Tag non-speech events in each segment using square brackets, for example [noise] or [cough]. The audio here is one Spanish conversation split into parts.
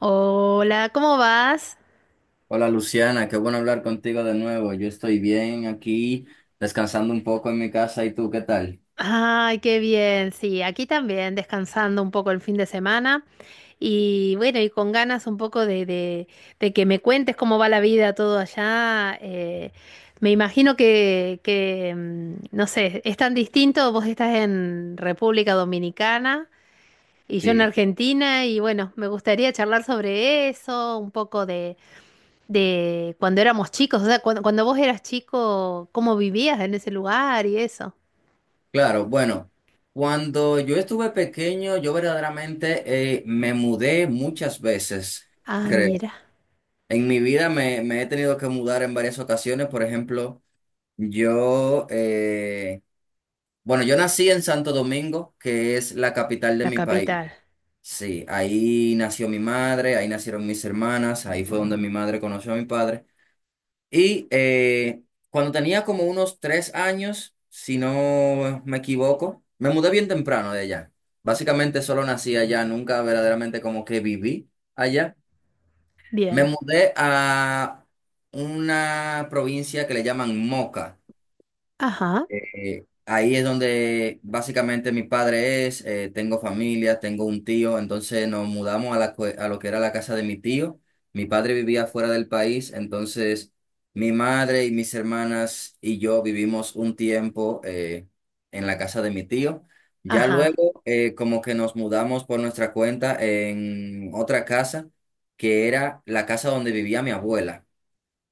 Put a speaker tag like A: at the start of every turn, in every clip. A: Hola, ¿cómo vas?
B: Hola Luciana, qué bueno hablar contigo de nuevo. Yo estoy bien aquí, descansando un poco en mi casa. ¿Y tú qué tal?
A: Ay, qué bien, sí, aquí también, descansando un poco el fin de semana y bueno, y con ganas un poco de que me cuentes cómo va la vida todo allá. Me imagino que, no sé, es tan distinto, vos estás en República Dominicana y yo en
B: Sí,
A: Argentina y bueno, me gustaría charlar sobre eso, un poco de cuando éramos chicos, o sea, cuando vos eras chico, cómo vivías en ese lugar y eso.
B: claro. Bueno, cuando yo estuve pequeño, yo verdaderamente me mudé muchas veces,
A: Ah,
B: creo.
A: mira,
B: En mi vida me he tenido que mudar en varias ocasiones. Por ejemplo, yo, bueno, yo nací en Santo Domingo, que es la capital de
A: la
B: mi país.
A: capital.
B: Sí, ahí nació mi madre, ahí nacieron mis hermanas, ahí fue donde mi madre conoció a mi padre. Y cuando tenía como unos 3 años, si no me equivoco, me mudé bien temprano de allá. Básicamente solo nací allá, nunca verdaderamente como que viví allá. Me
A: Bien.
B: mudé a una provincia que le llaman Moca.
A: Ajá,
B: Ahí es donde básicamente mi padre es, tengo familia, tengo un tío, entonces nos mudamos a, la, a lo que era la casa de mi tío. Mi padre vivía fuera del país, entonces mi madre y mis hermanas y yo vivimos un tiempo en la casa de mi tío. Ya
A: ajá,
B: luego como que nos mudamos por nuestra cuenta en otra casa, que era la casa donde vivía mi abuela.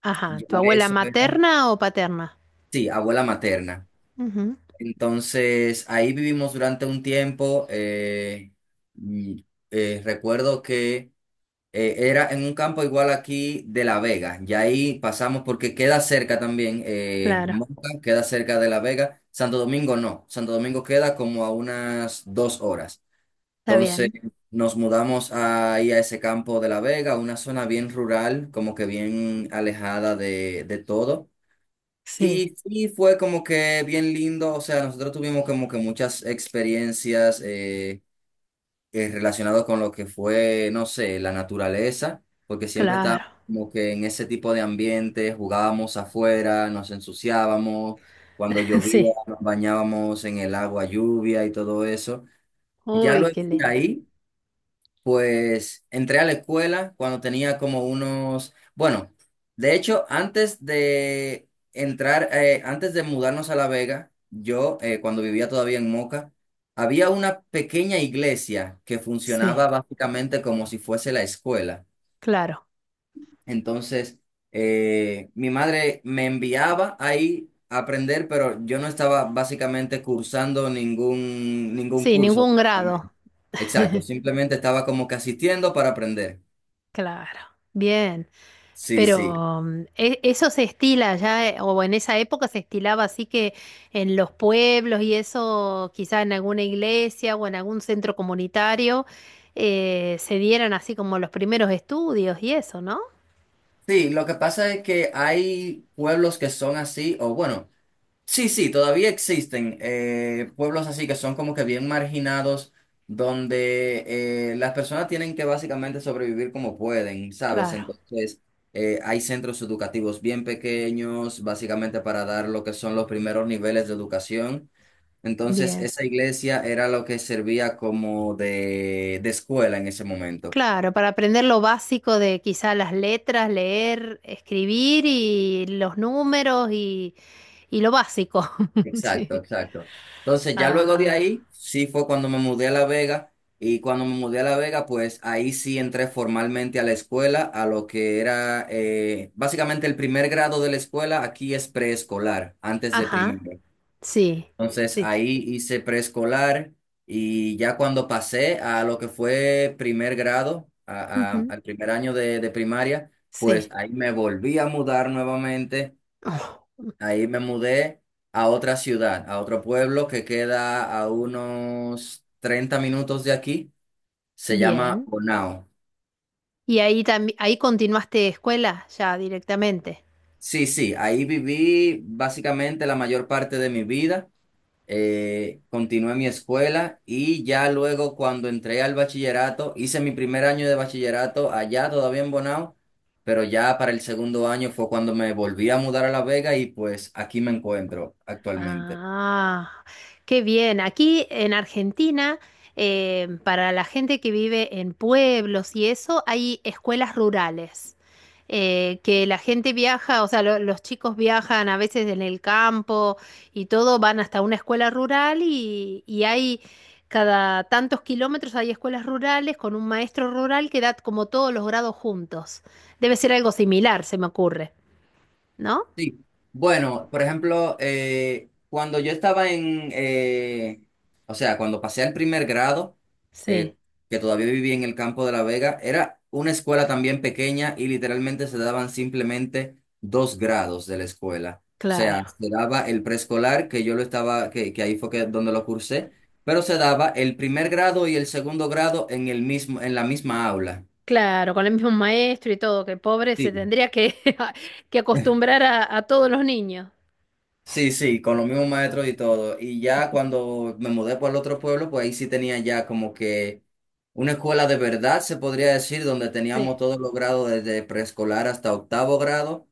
A: ajá.
B: Ya
A: ¿Tu abuela
B: eso era,
A: materna o paterna?
B: sí, abuela materna.
A: Ujú.
B: Entonces, ahí vivimos durante un tiempo. Y, recuerdo que era en un campo igual aquí de La Vega. Y ahí pasamos porque queda cerca también.
A: Claro,
B: Moca queda cerca de La Vega. Santo Domingo no. Santo Domingo queda como a unas 2 horas.
A: está
B: Entonces,
A: bien.
B: nos mudamos ahí a ese campo de La Vega, una zona bien rural, como que bien alejada de todo.
A: Sí,
B: Y sí, fue como que bien lindo, o sea, nosotros tuvimos como que muchas experiencias relacionadas con lo que fue, no sé, la naturaleza, porque siempre
A: claro.
B: estábamos como que en ese tipo de ambiente, jugábamos afuera, nos ensuciábamos, cuando
A: [laughs]
B: llovía
A: Sí.
B: nos bañábamos en el agua lluvia y todo eso. Ya
A: Uy,
B: luego
A: qué
B: de
A: linda.
B: ahí. Pues entré a la escuela cuando tenía como unos, bueno, de hecho, antes de entrar, antes de mudarnos a La Vega, yo, cuando vivía todavía en Moca, había una pequeña iglesia que
A: Sí,
B: funcionaba básicamente como si fuese la escuela.
A: claro.
B: Entonces, mi madre me enviaba ahí a aprender, pero yo no estaba básicamente cursando ningún
A: Sí,
B: curso.
A: ningún
B: Prácticamente.
A: grado.
B: Exacto, simplemente estaba como que asistiendo para aprender.
A: Claro. Bien.
B: Sí, sí.
A: Pero mm, eso se estila ya, o en esa época se estilaba así que en los pueblos y eso, quizá en alguna iglesia o en algún centro comunitario, se dieran así como los primeros estudios y eso, ¿no?
B: Sí, lo que pasa es que hay pueblos que son así, o bueno, sí, sí, todavía existen pueblos así que son como que bien marginados, donde las personas tienen que básicamente sobrevivir como pueden, ¿sabes?
A: Claro,
B: Entonces, hay centros educativos bien pequeños, básicamente para dar lo que son los primeros niveles de educación. Entonces,
A: bien.
B: esa iglesia era lo que servía como de escuela en ese momento.
A: Claro, para aprender lo básico de quizá las letras, leer, escribir y los números y lo básico. [laughs]
B: Exacto,
A: Sí.
B: exacto. Entonces, ya luego de
A: Ah,
B: ahí, sí fue cuando me mudé a La Vega y cuando me mudé a La Vega, pues ahí sí entré formalmente a la escuela, a lo que era básicamente el primer grado de la escuela, aquí es preescolar, antes de
A: ajá,
B: primero.
A: sí,
B: Entonces,
A: sí, sí.
B: ahí hice preescolar y ya cuando pasé a lo que fue primer grado,
A: Ujú,
B: al primer año de primaria, pues
A: sí.
B: ahí me volví a mudar nuevamente. Ahí me mudé a otra ciudad, a otro pueblo que queda a unos 30 minutos de aquí. Se llama
A: Bien.
B: Bonao.
A: ¿Y ahí también ahí continuaste escuela ya directamente?
B: Sí, sí, ahí viví básicamente la mayor parte de mi vida. Continué mi escuela y ya luego cuando entré al bachillerato, hice mi primer año de bachillerato allá todavía en Bonao, pero ya para el segundo año fue cuando me volví a mudar a La Vega y pues aquí me encuentro actualmente.
A: Ah, qué bien. Aquí en Argentina, para la gente que vive en pueblos y eso, hay escuelas rurales. Que la gente viaja, o sea, los chicos viajan a veces en el campo y todo, van hasta una escuela rural y hay cada tantos kilómetros hay escuelas rurales con un maestro rural que da como todos los grados juntos. Debe ser algo similar, se me ocurre, ¿no?
B: Sí, bueno, por ejemplo, cuando yo estaba en, o sea, cuando pasé al primer grado,
A: Sí,
B: eh, que todavía vivía en el campo de La Vega, era una escuela también pequeña y literalmente se daban simplemente dos grados de la escuela. O sea,
A: claro.
B: se daba el preescolar, que yo lo estaba, que ahí fue que, donde lo cursé, pero se daba el primer grado y el segundo grado en el mismo, en la misma aula.
A: Claro, con el mismo maestro y todo, que pobre se
B: Sí.
A: tendría que, [laughs] que acostumbrar a todos los niños.
B: Sí, sí, con los mismos maestros y todo. Y ya
A: [laughs]
B: cuando me mudé para el otro pueblo, pues ahí sí tenía ya como que una escuela de verdad, se podría decir, donde teníamos
A: Sí.
B: todos los grados desde preescolar hasta octavo grado.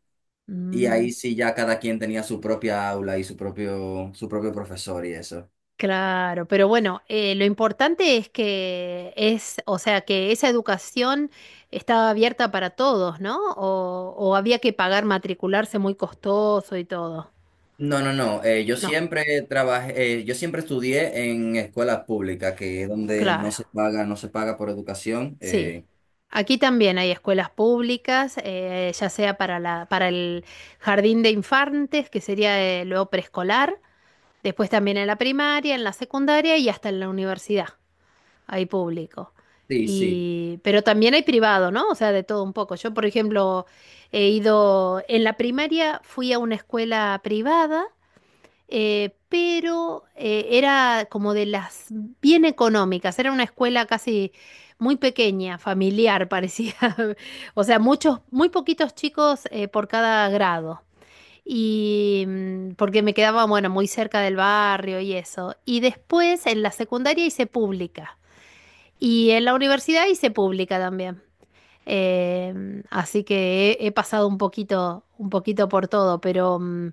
B: Y
A: Mm,
B: ahí sí ya cada quien tenía su propia aula y su propio profesor y eso.
A: claro, pero bueno, lo importante es que es, o sea, que esa educación estaba abierta para todos, ¿no? O había que pagar matricularse muy costoso y todo.
B: No, no, no. Yo
A: No,
B: siempre trabajé, yo siempre estudié en escuelas públicas, que es donde no
A: claro,
B: se paga, no se paga por educación.
A: sí.
B: Eh,
A: Aquí también hay escuelas públicas, ya sea para la, para el jardín de infantes, que sería luego preescolar. Después también en la primaria, en la secundaria y hasta en la universidad hay público.
B: sí, sí.
A: Y, pero también hay privado, ¿no? O sea, de todo un poco. Yo, por ejemplo, he ido, en la primaria fui a una escuela privada, pero era como de las bien económicas, era una escuela casi muy pequeña, familiar, parecía. [laughs] O sea, muchos, muy poquitos chicos por cada grado. Y mm, porque me quedaba, bueno, muy cerca del barrio y eso. Y después en la secundaria hice pública. Y en la universidad hice pública también. Así que he pasado un poquito por todo, pero mm,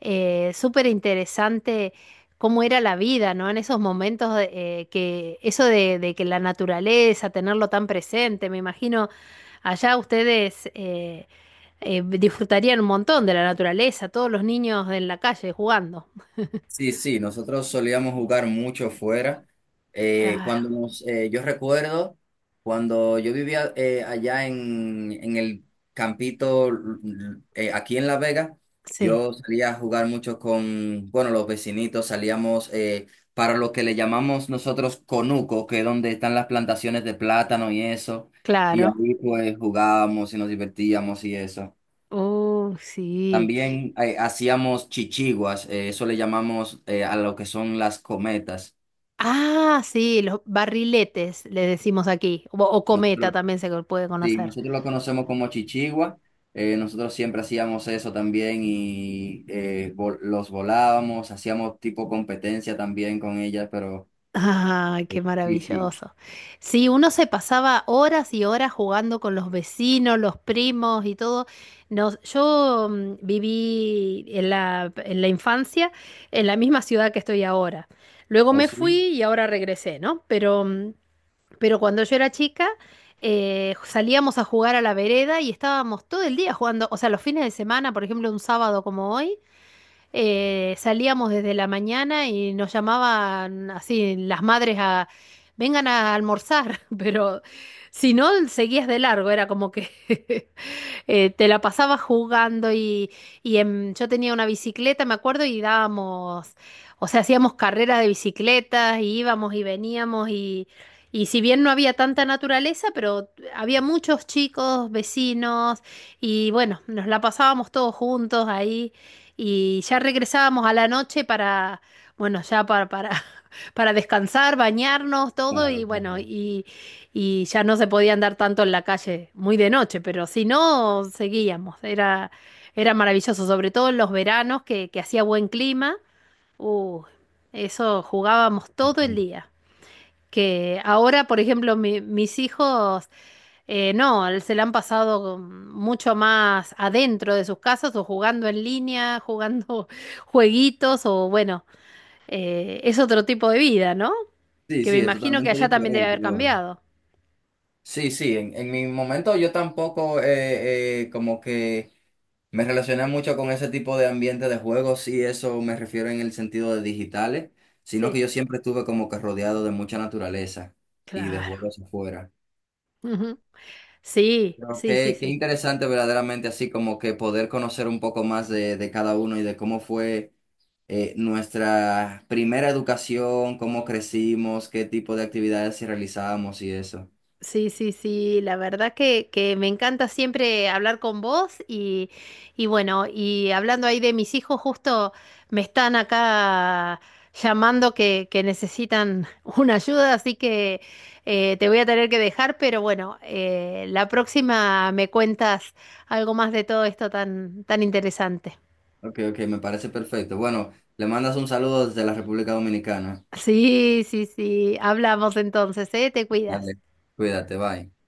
A: súper interesante cómo era la vida, ¿no? En esos momentos de- Eh, que eso de que la naturaleza, tenerlo tan presente, me imagino allá ustedes disfrutarían un montón de la naturaleza, todos los niños en la calle jugando.
B: Sí, sí, nosotros solíamos jugar mucho fuera.
A: Claro,
B: Cuando nos, yo recuerdo cuando yo vivía allá en el aquí en La Vega,
A: sí,
B: yo salía a jugar mucho con, bueno, los vecinitos, salíamos para lo que le llamamos nosotros conuco, que es donde están las plantaciones de plátano y eso, y
A: claro.
B: ahí pues jugábamos y nos divertíamos y eso.
A: Oh, sí.
B: También hacíamos chichiguas, eso le llamamos a lo que son las cometas.
A: Ah, sí, los barriletes le decimos aquí, o cometa
B: Nosotros,
A: también se puede
B: sí,
A: conocer.
B: nosotros lo conocemos como chichigua, nosotros siempre hacíamos eso también y los volábamos, hacíamos tipo competencia también con ellas, pero
A: Ah, qué
B: eh, sí, sí,
A: maravilloso. Sí, uno se pasaba horas y horas jugando con los vecinos, los primos y todo. Nos, yo mm, viví en la infancia en la misma ciudad que estoy ahora. Luego
B: ¿o
A: me fui
B: sí?
A: y ahora regresé, ¿no? Pero mm, pero cuando yo era chica, salíamos a jugar a la vereda y estábamos todo el día jugando. O sea, los fines de semana, por ejemplo, un sábado como hoy, salíamos desde la mañana y nos llamaban así las madres a vengan a almorzar, [laughs] pero si no, seguías de largo, era como que [laughs] te la pasaba jugando y, yo tenía una bicicleta, me acuerdo, y dábamos, o sea, hacíamos carreras de bicicletas y íbamos y veníamos y si bien no había tanta naturaleza, pero había muchos chicos, vecinos y bueno, nos la pasábamos todos juntos ahí y ya regresábamos a la noche bueno, ya [laughs] para descansar, bañarnos, todo y
B: Claro,
A: bueno,
B: claro.
A: y ya no se podía andar tanto en la calle, muy de noche, pero si no, seguíamos. Era maravilloso, sobre todo en los veranos que hacía buen clima. Uh, eso jugábamos todo el día. Que ahora, por ejemplo, mis hijos, no, se la han pasado mucho más adentro de sus casas o jugando en línea, jugando [laughs] jueguitos o bueno, es otro tipo de vida, ¿no?
B: Sí,
A: Que me
B: sí, es
A: imagino que
B: totalmente
A: allá también debe
B: diferente
A: haber
B: ahora.
A: cambiado.
B: Sí, sí, en mi momento yo tampoco como que... Me relaciona mucho con ese tipo de ambiente de juegos y eso me refiero en el sentido de digitales, sino que
A: Sí,
B: yo siempre estuve como que rodeado de mucha naturaleza y de
A: claro.
B: juegos afuera.
A: Ujú. Sí,
B: Pero
A: sí, sí,
B: qué, qué
A: sí.
B: interesante verdaderamente así como que poder conocer un poco más de cada uno y de cómo fue nuestra primera educación, cómo crecimos, qué tipo de actividades sí realizábamos y eso.
A: Sí, sí, sí. La verdad que me encanta siempre hablar con vos y bueno, y hablando ahí de mis hijos, justo me están acá llamando que necesitan [laughs] una ayuda, así que te voy a tener que dejar, pero bueno, la próxima me cuentas algo más de todo esto tan, tan interesante.
B: Ok, ok, me parece perfecto. Bueno, le mandas un saludo desde la República Dominicana.
A: Sí, sí, sí. Hablamos entonces, ¿eh? Te cuidas.
B: Dale, cuídate, bye.